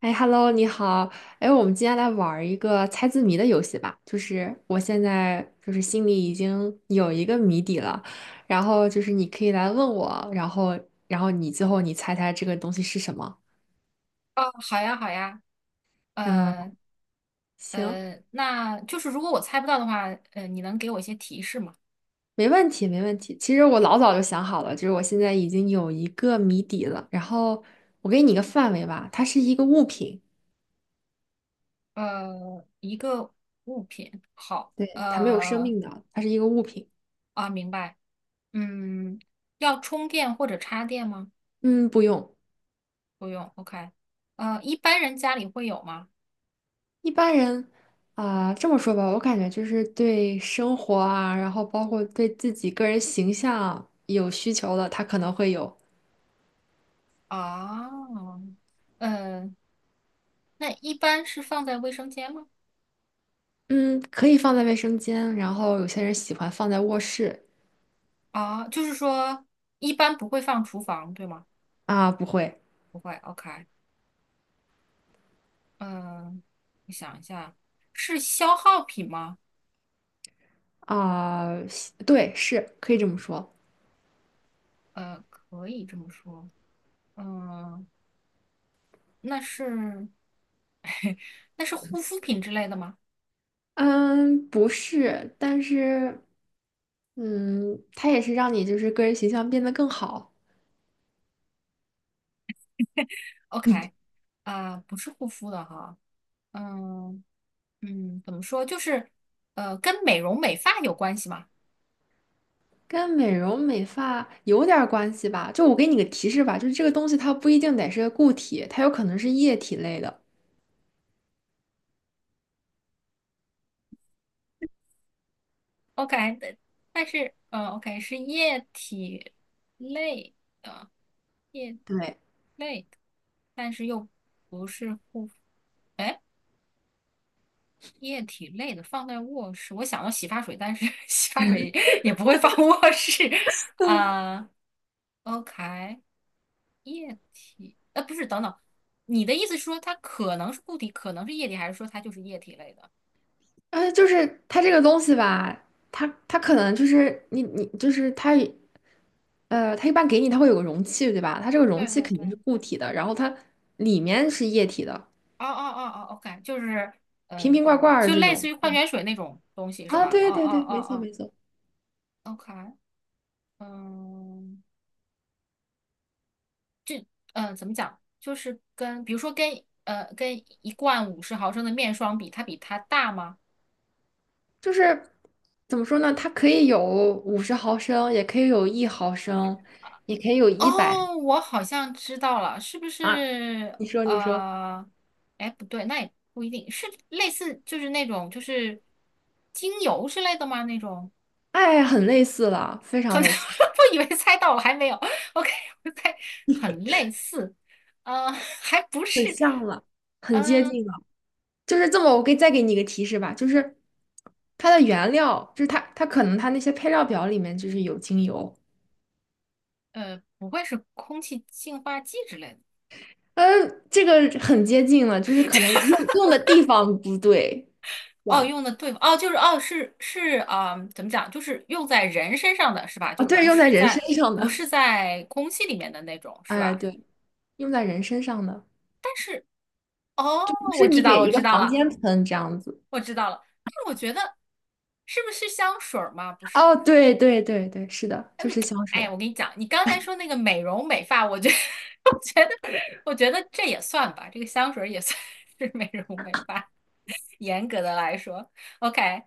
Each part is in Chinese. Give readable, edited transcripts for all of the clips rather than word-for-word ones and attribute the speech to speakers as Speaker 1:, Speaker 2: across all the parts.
Speaker 1: 哎，Hello，你好。哎，我们今天来玩儿一个猜字谜的游戏吧。就是我现在就是心里已经有一个谜底了，然后就是你可以来问我，然后你最后猜猜这个东西是什么？
Speaker 2: 哦，好呀，好呀，
Speaker 1: 嗯，
Speaker 2: 呃
Speaker 1: 行，
Speaker 2: 那就是如果我猜不到的话，你能给我一些提示吗？
Speaker 1: 没问题，没问题。其实我老早就想好了，就是我现在已经有一个谜底了。然后我给你一个范围吧，它是一个物品，
Speaker 2: 一个物品，好。
Speaker 1: 对，它没有生命的，它是一个物品。
Speaker 2: 明白。嗯，要充电或者插电吗？
Speaker 1: 嗯，不用。
Speaker 2: 不用，OK。一般人家里会有吗？
Speaker 1: 一般人啊，这么说吧，我感觉就是对生活啊，然后包括对自己个人形象有需求的，他可能会有，
Speaker 2: 啊。呃，那一般是放在卫生间吗？
Speaker 1: 嗯，可以放在卫生间，然后有些人喜欢放在卧室。
Speaker 2: 啊，就是说一般不会放厨房，对吗？
Speaker 1: 啊，不会。
Speaker 2: 不会，OK。嗯，我想一下，是消耗品吗？
Speaker 1: 啊，喜对，是可以这么说，
Speaker 2: 可以这么说。嗯，那是 那是护肤品之类的吗
Speaker 1: 嗯，不是，但是，嗯，它也是让你就是个人形象变得更好。
Speaker 2: ？OK。啊，不是护肤的哈。嗯嗯，怎么说？就是，跟美容美发有关系吗
Speaker 1: 跟美容美发有点儿关系吧？就我给你个提示吧，就是这个东西它不一定得是个固体，它有可能是液体类的。
Speaker 2: ？OK。但是，OK 是液体类的液
Speaker 1: 对，
Speaker 2: 类的，但是又不是护肤。液体类的放在卧室，我想到洗发水，但是 洗发水也不会放卧室
Speaker 1: 嗯，
Speaker 2: 啊。OK，液体，不是，等等，你的意思是说它可能是固体，可能是液体，还是说它就是液体类的？
Speaker 1: 就是它这个东西吧，它可能就是你就是它它一般给你它会有个容器，对吧？它这个容
Speaker 2: 对
Speaker 1: 器
Speaker 2: 对
Speaker 1: 肯
Speaker 2: 对，
Speaker 1: 定是
Speaker 2: 哦
Speaker 1: 固体的，然后它里面是液体的，
Speaker 2: 哦哦哦，OK。就是嗯、
Speaker 1: 瓶
Speaker 2: 呃
Speaker 1: 瓶罐罐儿
Speaker 2: 就
Speaker 1: 这
Speaker 2: 类
Speaker 1: 种。
Speaker 2: 似于矿泉水那种东西是
Speaker 1: 啊，
Speaker 2: 吧？哦
Speaker 1: 对对
Speaker 2: 哦
Speaker 1: 对，没错
Speaker 2: 哦
Speaker 1: 没错，
Speaker 2: 哦，OK。嗯嗯，怎么讲？就是跟比如说跟一罐50毫升的面霜比，它比它大吗？
Speaker 1: 就是怎么说呢？它可以有50毫升，也可以有1毫升，也可以有100。
Speaker 2: 哦，我好像知道了，是不是？
Speaker 1: 你说，你说，
Speaker 2: 哎，不对，那也不一定是类似，就是那种就是精油之类的吗？那种
Speaker 1: 哎，很类似了，非常
Speaker 2: 可能
Speaker 1: 类似，
Speaker 2: 我以为猜到了，还没有。OK，我猜很类似，还不
Speaker 1: 很
Speaker 2: 是。
Speaker 1: 像了，很接
Speaker 2: 嗯
Speaker 1: 近了。就是这么，我再给你一个提示吧，就是它的原料，就是它可能它那些配料表里面就是有精油，
Speaker 2: 不会是空气净化器之类
Speaker 1: 嗯，这个很接近了，就是可能
Speaker 2: 的？
Speaker 1: 用的地方不对，这
Speaker 2: 哦，
Speaker 1: 样。
Speaker 2: 用的对付哦，就是哦，是是啊，怎么讲？就是用在人身上的是吧？
Speaker 1: 啊，
Speaker 2: 就
Speaker 1: 对，
Speaker 2: 不
Speaker 1: 用在
Speaker 2: 是
Speaker 1: 人身
Speaker 2: 在
Speaker 1: 上
Speaker 2: 不
Speaker 1: 的，
Speaker 2: 是在空气里面的那种 是
Speaker 1: 哎，
Speaker 2: 吧？
Speaker 1: 对，用在人身上的，
Speaker 2: 但是。哦，
Speaker 1: 不是
Speaker 2: 我知
Speaker 1: 你
Speaker 2: 道
Speaker 1: 给
Speaker 2: 了，我
Speaker 1: 一
Speaker 2: 知
Speaker 1: 个
Speaker 2: 道
Speaker 1: 房
Speaker 2: 了，
Speaker 1: 间喷这样子。
Speaker 2: 我知道了。但我觉得是不是香水儿吗？不是。
Speaker 1: 哦，对对对对，是的，就是香
Speaker 2: 哎，
Speaker 1: 水。
Speaker 2: 我跟你讲，你刚才说那个美容美发，我觉得 我觉得我觉得这也算吧，这个香水儿也算是美容美发，严格的来说。OK，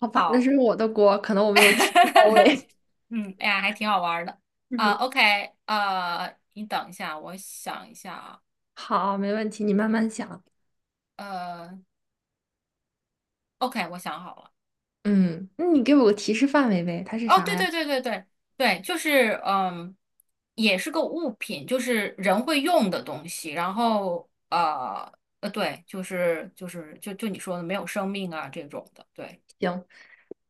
Speaker 1: 好吧，那
Speaker 2: 好。
Speaker 1: 是我的锅，可能我没有提到 位。
Speaker 2: 嗯，哎呀，还挺好玩儿的 啊。
Speaker 1: 嗯。
Speaker 2: OK。你等一下，我想一下啊。
Speaker 1: 好，没问题，你慢慢想。
Speaker 2: 呃，OK，我想好了。
Speaker 1: 嗯，那你给我个提示范围呗，它是
Speaker 2: 哦，
Speaker 1: 啥
Speaker 2: 对
Speaker 1: 呀？
Speaker 2: 对对对对对。就是，也是个物品，就是人会用的东西。然后对，就是你说的没有生命啊这种的，对。
Speaker 1: 行，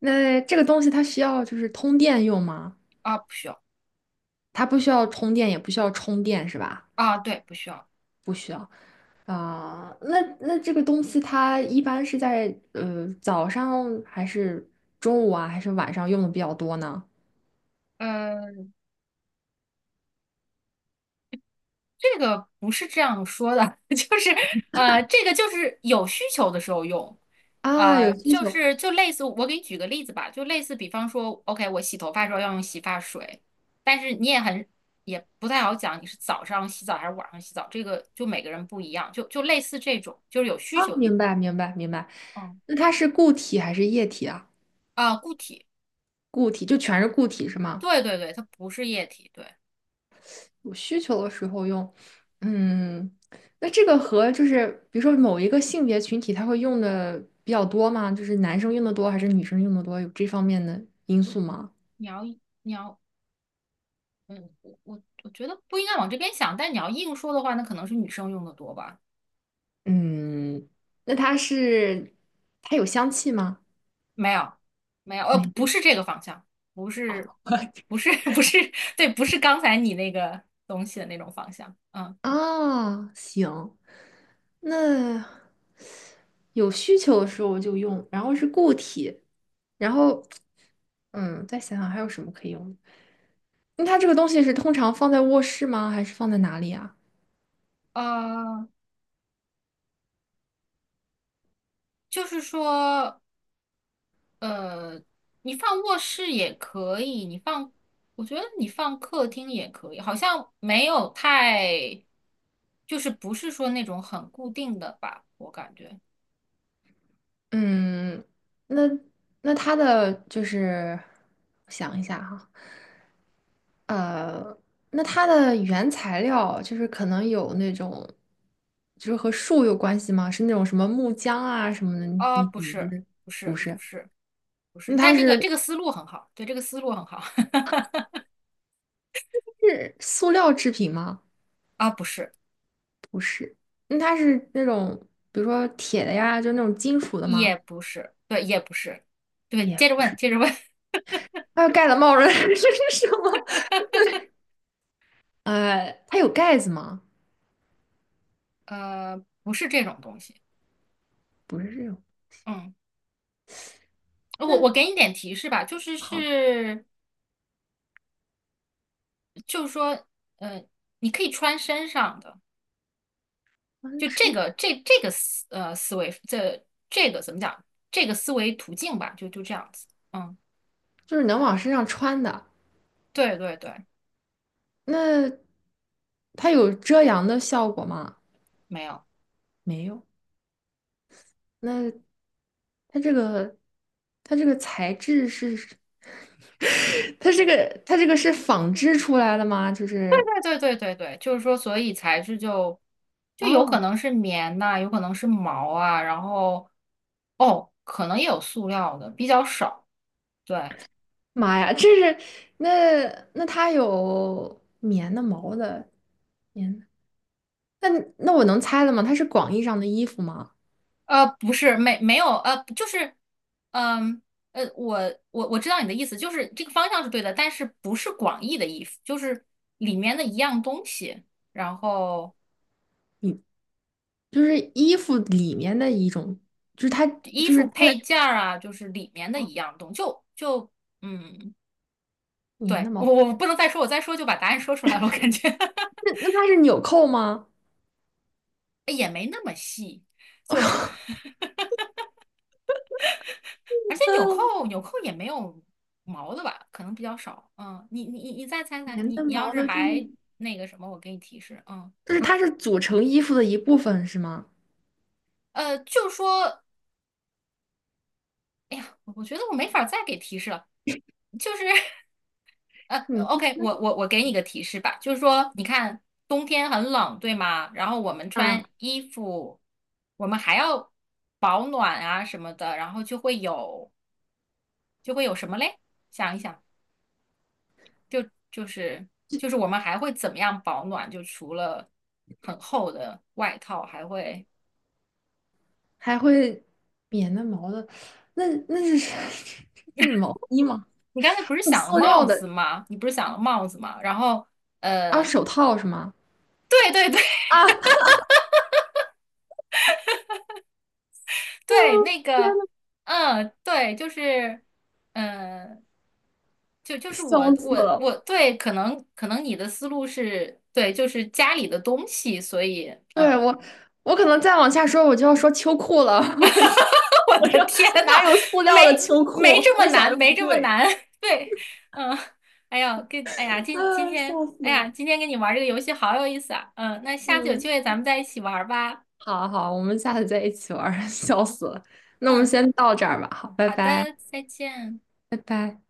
Speaker 1: 那这个东西它需要就是通电用吗？
Speaker 2: 啊，不需要。
Speaker 1: 它不需要通电，也不需要充电，是吧？
Speaker 2: 啊，对，不需要。
Speaker 1: 不需要。啊、那这个东西它一般是在早上还是中午啊，还是晚上用的比较多呢？
Speaker 2: 呃这个不是这样说的，就是，这个就是有需求的时候用。
Speaker 1: 啊，有需
Speaker 2: 就
Speaker 1: 求。
Speaker 2: 是就类似我给你举个例子吧，就类似比方说，OK，我洗头发的时候要用洗发水。但是你也很也不太好讲你是早上洗澡还是晚上洗澡，这个就每个人不一样，就类似这种，就是有需
Speaker 1: 啊，
Speaker 2: 求的时
Speaker 1: 明
Speaker 2: 候。
Speaker 1: 白明白明白。
Speaker 2: 哦。
Speaker 1: 那它是固体还是液体啊？
Speaker 2: 啊，固体，
Speaker 1: 固体就全是固体是吗？
Speaker 2: 对对对，它不是液体，对。
Speaker 1: 有需求的时候用。嗯，那这个和就是比如说某一个性别群体，他会用的比较多吗？就是男生用的多还是女生用的多？有这方面的因素吗？
Speaker 2: 你要你要，嗯，我觉得不应该往这边想，但你要硬说的话，那可能是女生用的多吧。
Speaker 1: 嗯，那它是它有香气吗？
Speaker 2: 没有，没有，
Speaker 1: 没
Speaker 2: 不
Speaker 1: 有。
Speaker 2: 是这个方向，不是，不是，不是，对，不是刚才你那个东西的那种方向。嗯。
Speaker 1: 啊，行，那有需求的时候就用，然后是固体，然后嗯，再想想还有什么可以用。那它这个东西是通常放在卧室吗？还是放在哪里啊？
Speaker 2: 呃，就是说，呃，你放卧室也可以，你放，我觉得你放客厅也可以，好像没有太，就是不是说那种很固定的吧，我感觉。
Speaker 1: 嗯，那那它的就是想一下哈，呃，那它的原材料就是可能有那种，就是和树有关系吗？是那种什么木浆啊什么的？
Speaker 2: 啊，
Speaker 1: 你
Speaker 2: 不
Speaker 1: 你就
Speaker 2: 是，
Speaker 1: 是
Speaker 2: 不
Speaker 1: 不
Speaker 2: 是，不
Speaker 1: 是？
Speaker 2: 是，不是，
Speaker 1: 那它
Speaker 2: 但这
Speaker 1: 是
Speaker 2: 个这个思路很好，对，这个思路很好。
Speaker 1: 是塑料制品吗？
Speaker 2: 啊，不是。
Speaker 1: 不是。那它是那种比如说铁的呀，就那种金属的
Speaker 2: 也
Speaker 1: 吗？
Speaker 2: 不是，对，也不是，对，
Speaker 1: 也，
Speaker 2: 接着问，接着问。
Speaker 1: 它盖的帽子 这是什么？呃，它有盖子吗？
Speaker 2: 不是这种东西。
Speaker 1: 不是这种。
Speaker 2: 嗯，我
Speaker 1: 那
Speaker 2: 我给你点提示吧。
Speaker 1: 好，
Speaker 2: 就是说，呃，你可以穿身上的。
Speaker 1: 翻
Speaker 2: 就这
Speaker 1: 身
Speaker 2: 个这这个思呃思维，这个怎么讲，这个思维途径吧，就这样子。嗯。
Speaker 1: 就是能往身上穿的。
Speaker 2: 对对对。
Speaker 1: 那它有遮阳的效果吗？
Speaker 2: 没有。
Speaker 1: 没有。那它这个，它这个材质是，它这个，它这个是纺织出来的吗？就
Speaker 2: 对
Speaker 1: 是，
Speaker 2: 对对对对，就是说，所以材质就有可
Speaker 1: 哦，
Speaker 2: 能是棉呐、有可能是毛啊，然后哦，可能也有塑料的，比较少。对。
Speaker 1: 妈呀，这是那那它有棉的、毛的、棉的。那那我能猜了吗？它是广义上的衣服吗？
Speaker 2: 不是，没有，就是，嗯，呃，我我知道你的意思，就是这个方向是对的，但是不是广义的衣服，就是里面的一样东西，然后
Speaker 1: 你就是衣服里面的一种，就是它
Speaker 2: 衣
Speaker 1: 就是
Speaker 2: 服
Speaker 1: 它的。
Speaker 2: 配件儿啊，就是里面的一
Speaker 1: 啊，
Speaker 2: 样东就就嗯，
Speaker 1: 棉
Speaker 2: 对，
Speaker 1: 的
Speaker 2: 我
Speaker 1: 毛，
Speaker 2: 我不能再说，我再说就把答案说出来了，我感觉
Speaker 1: 那那它是纽扣吗？
Speaker 2: 也没那么细，就 而且纽扣也没有毛的吧，可能比较少。嗯，你再猜猜，
Speaker 1: 棉的
Speaker 2: 你要
Speaker 1: 毛
Speaker 2: 是
Speaker 1: 的，就是
Speaker 2: 还那个什么，我给你提示。嗯。
Speaker 1: 就是它是组成衣服的一部分是吗？
Speaker 2: 就说，哎呀，我觉得我没法再给提示了，就是 呃
Speaker 1: 嗯，
Speaker 2: ，OK，我给你个提示吧。就是说，你看冬天很冷，对吗？然后我们
Speaker 1: 啊，
Speaker 2: 穿衣服，我们还要保暖啊什么的，然后就会有什么嘞？想一想。就就是就是我们还会怎么样保暖？就除了很厚的外套，还会
Speaker 1: 还会棉的毛的，那那是 那是毛衣吗？
Speaker 2: 你刚才不是
Speaker 1: 是
Speaker 2: 想了
Speaker 1: 塑料
Speaker 2: 帽子
Speaker 1: 的。
Speaker 2: 吗？你不是想了帽子吗？然后
Speaker 1: 啊，
Speaker 2: 呃，
Speaker 1: 手套是吗？
Speaker 2: 对对对
Speaker 1: 啊，天
Speaker 2: 对，那个
Speaker 1: 呐，
Speaker 2: 嗯，对，就是嗯。就是我
Speaker 1: 笑死
Speaker 2: 我
Speaker 1: 了！
Speaker 2: 我对，可能你的思路是对，就是家里的东西，所以
Speaker 1: 对
Speaker 2: 嗯。
Speaker 1: 我，我可能再往下说，我就要说秋裤了。
Speaker 2: 我
Speaker 1: 我
Speaker 2: 的
Speaker 1: 说
Speaker 2: 天呐，
Speaker 1: 哪有塑
Speaker 2: 没
Speaker 1: 料的秋裤？
Speaker 2: 没这
Speaker 1: 我
Speaker 2: 么
Speaker 1: 一想
Speaker 2: 难，
Speaker 1: 又
Speaker 2: 没
Speaker 1: 不
Speaker 2: 这么
Speaker 1: 对。
Speaker 2: 难。对。嗯，哎呀，跟哎呀，今今
Speaker 1: 啊，
Speaker 2: 天，
Speaker 1: 笑死
Speaker 2: 哎呀，
Speaker 1: 了。
Speaker 2: 今天跟你玩这个游戏好有意思啊。嗯，那下次有机
Speaker 1: 嗯，
Speaker 2: 会咱们再一起玩吧。
Speaker 1: 好好，我们下次再一起玩儿。 笑死了。那我们
Speaker 2: 嗯，
Speaker 1: 先到这儿吧，好，拜
Speaker 2: 好
Speaker 1: 拜，
Speaker 2: 的，再见。
Speaker 1: 拜拜。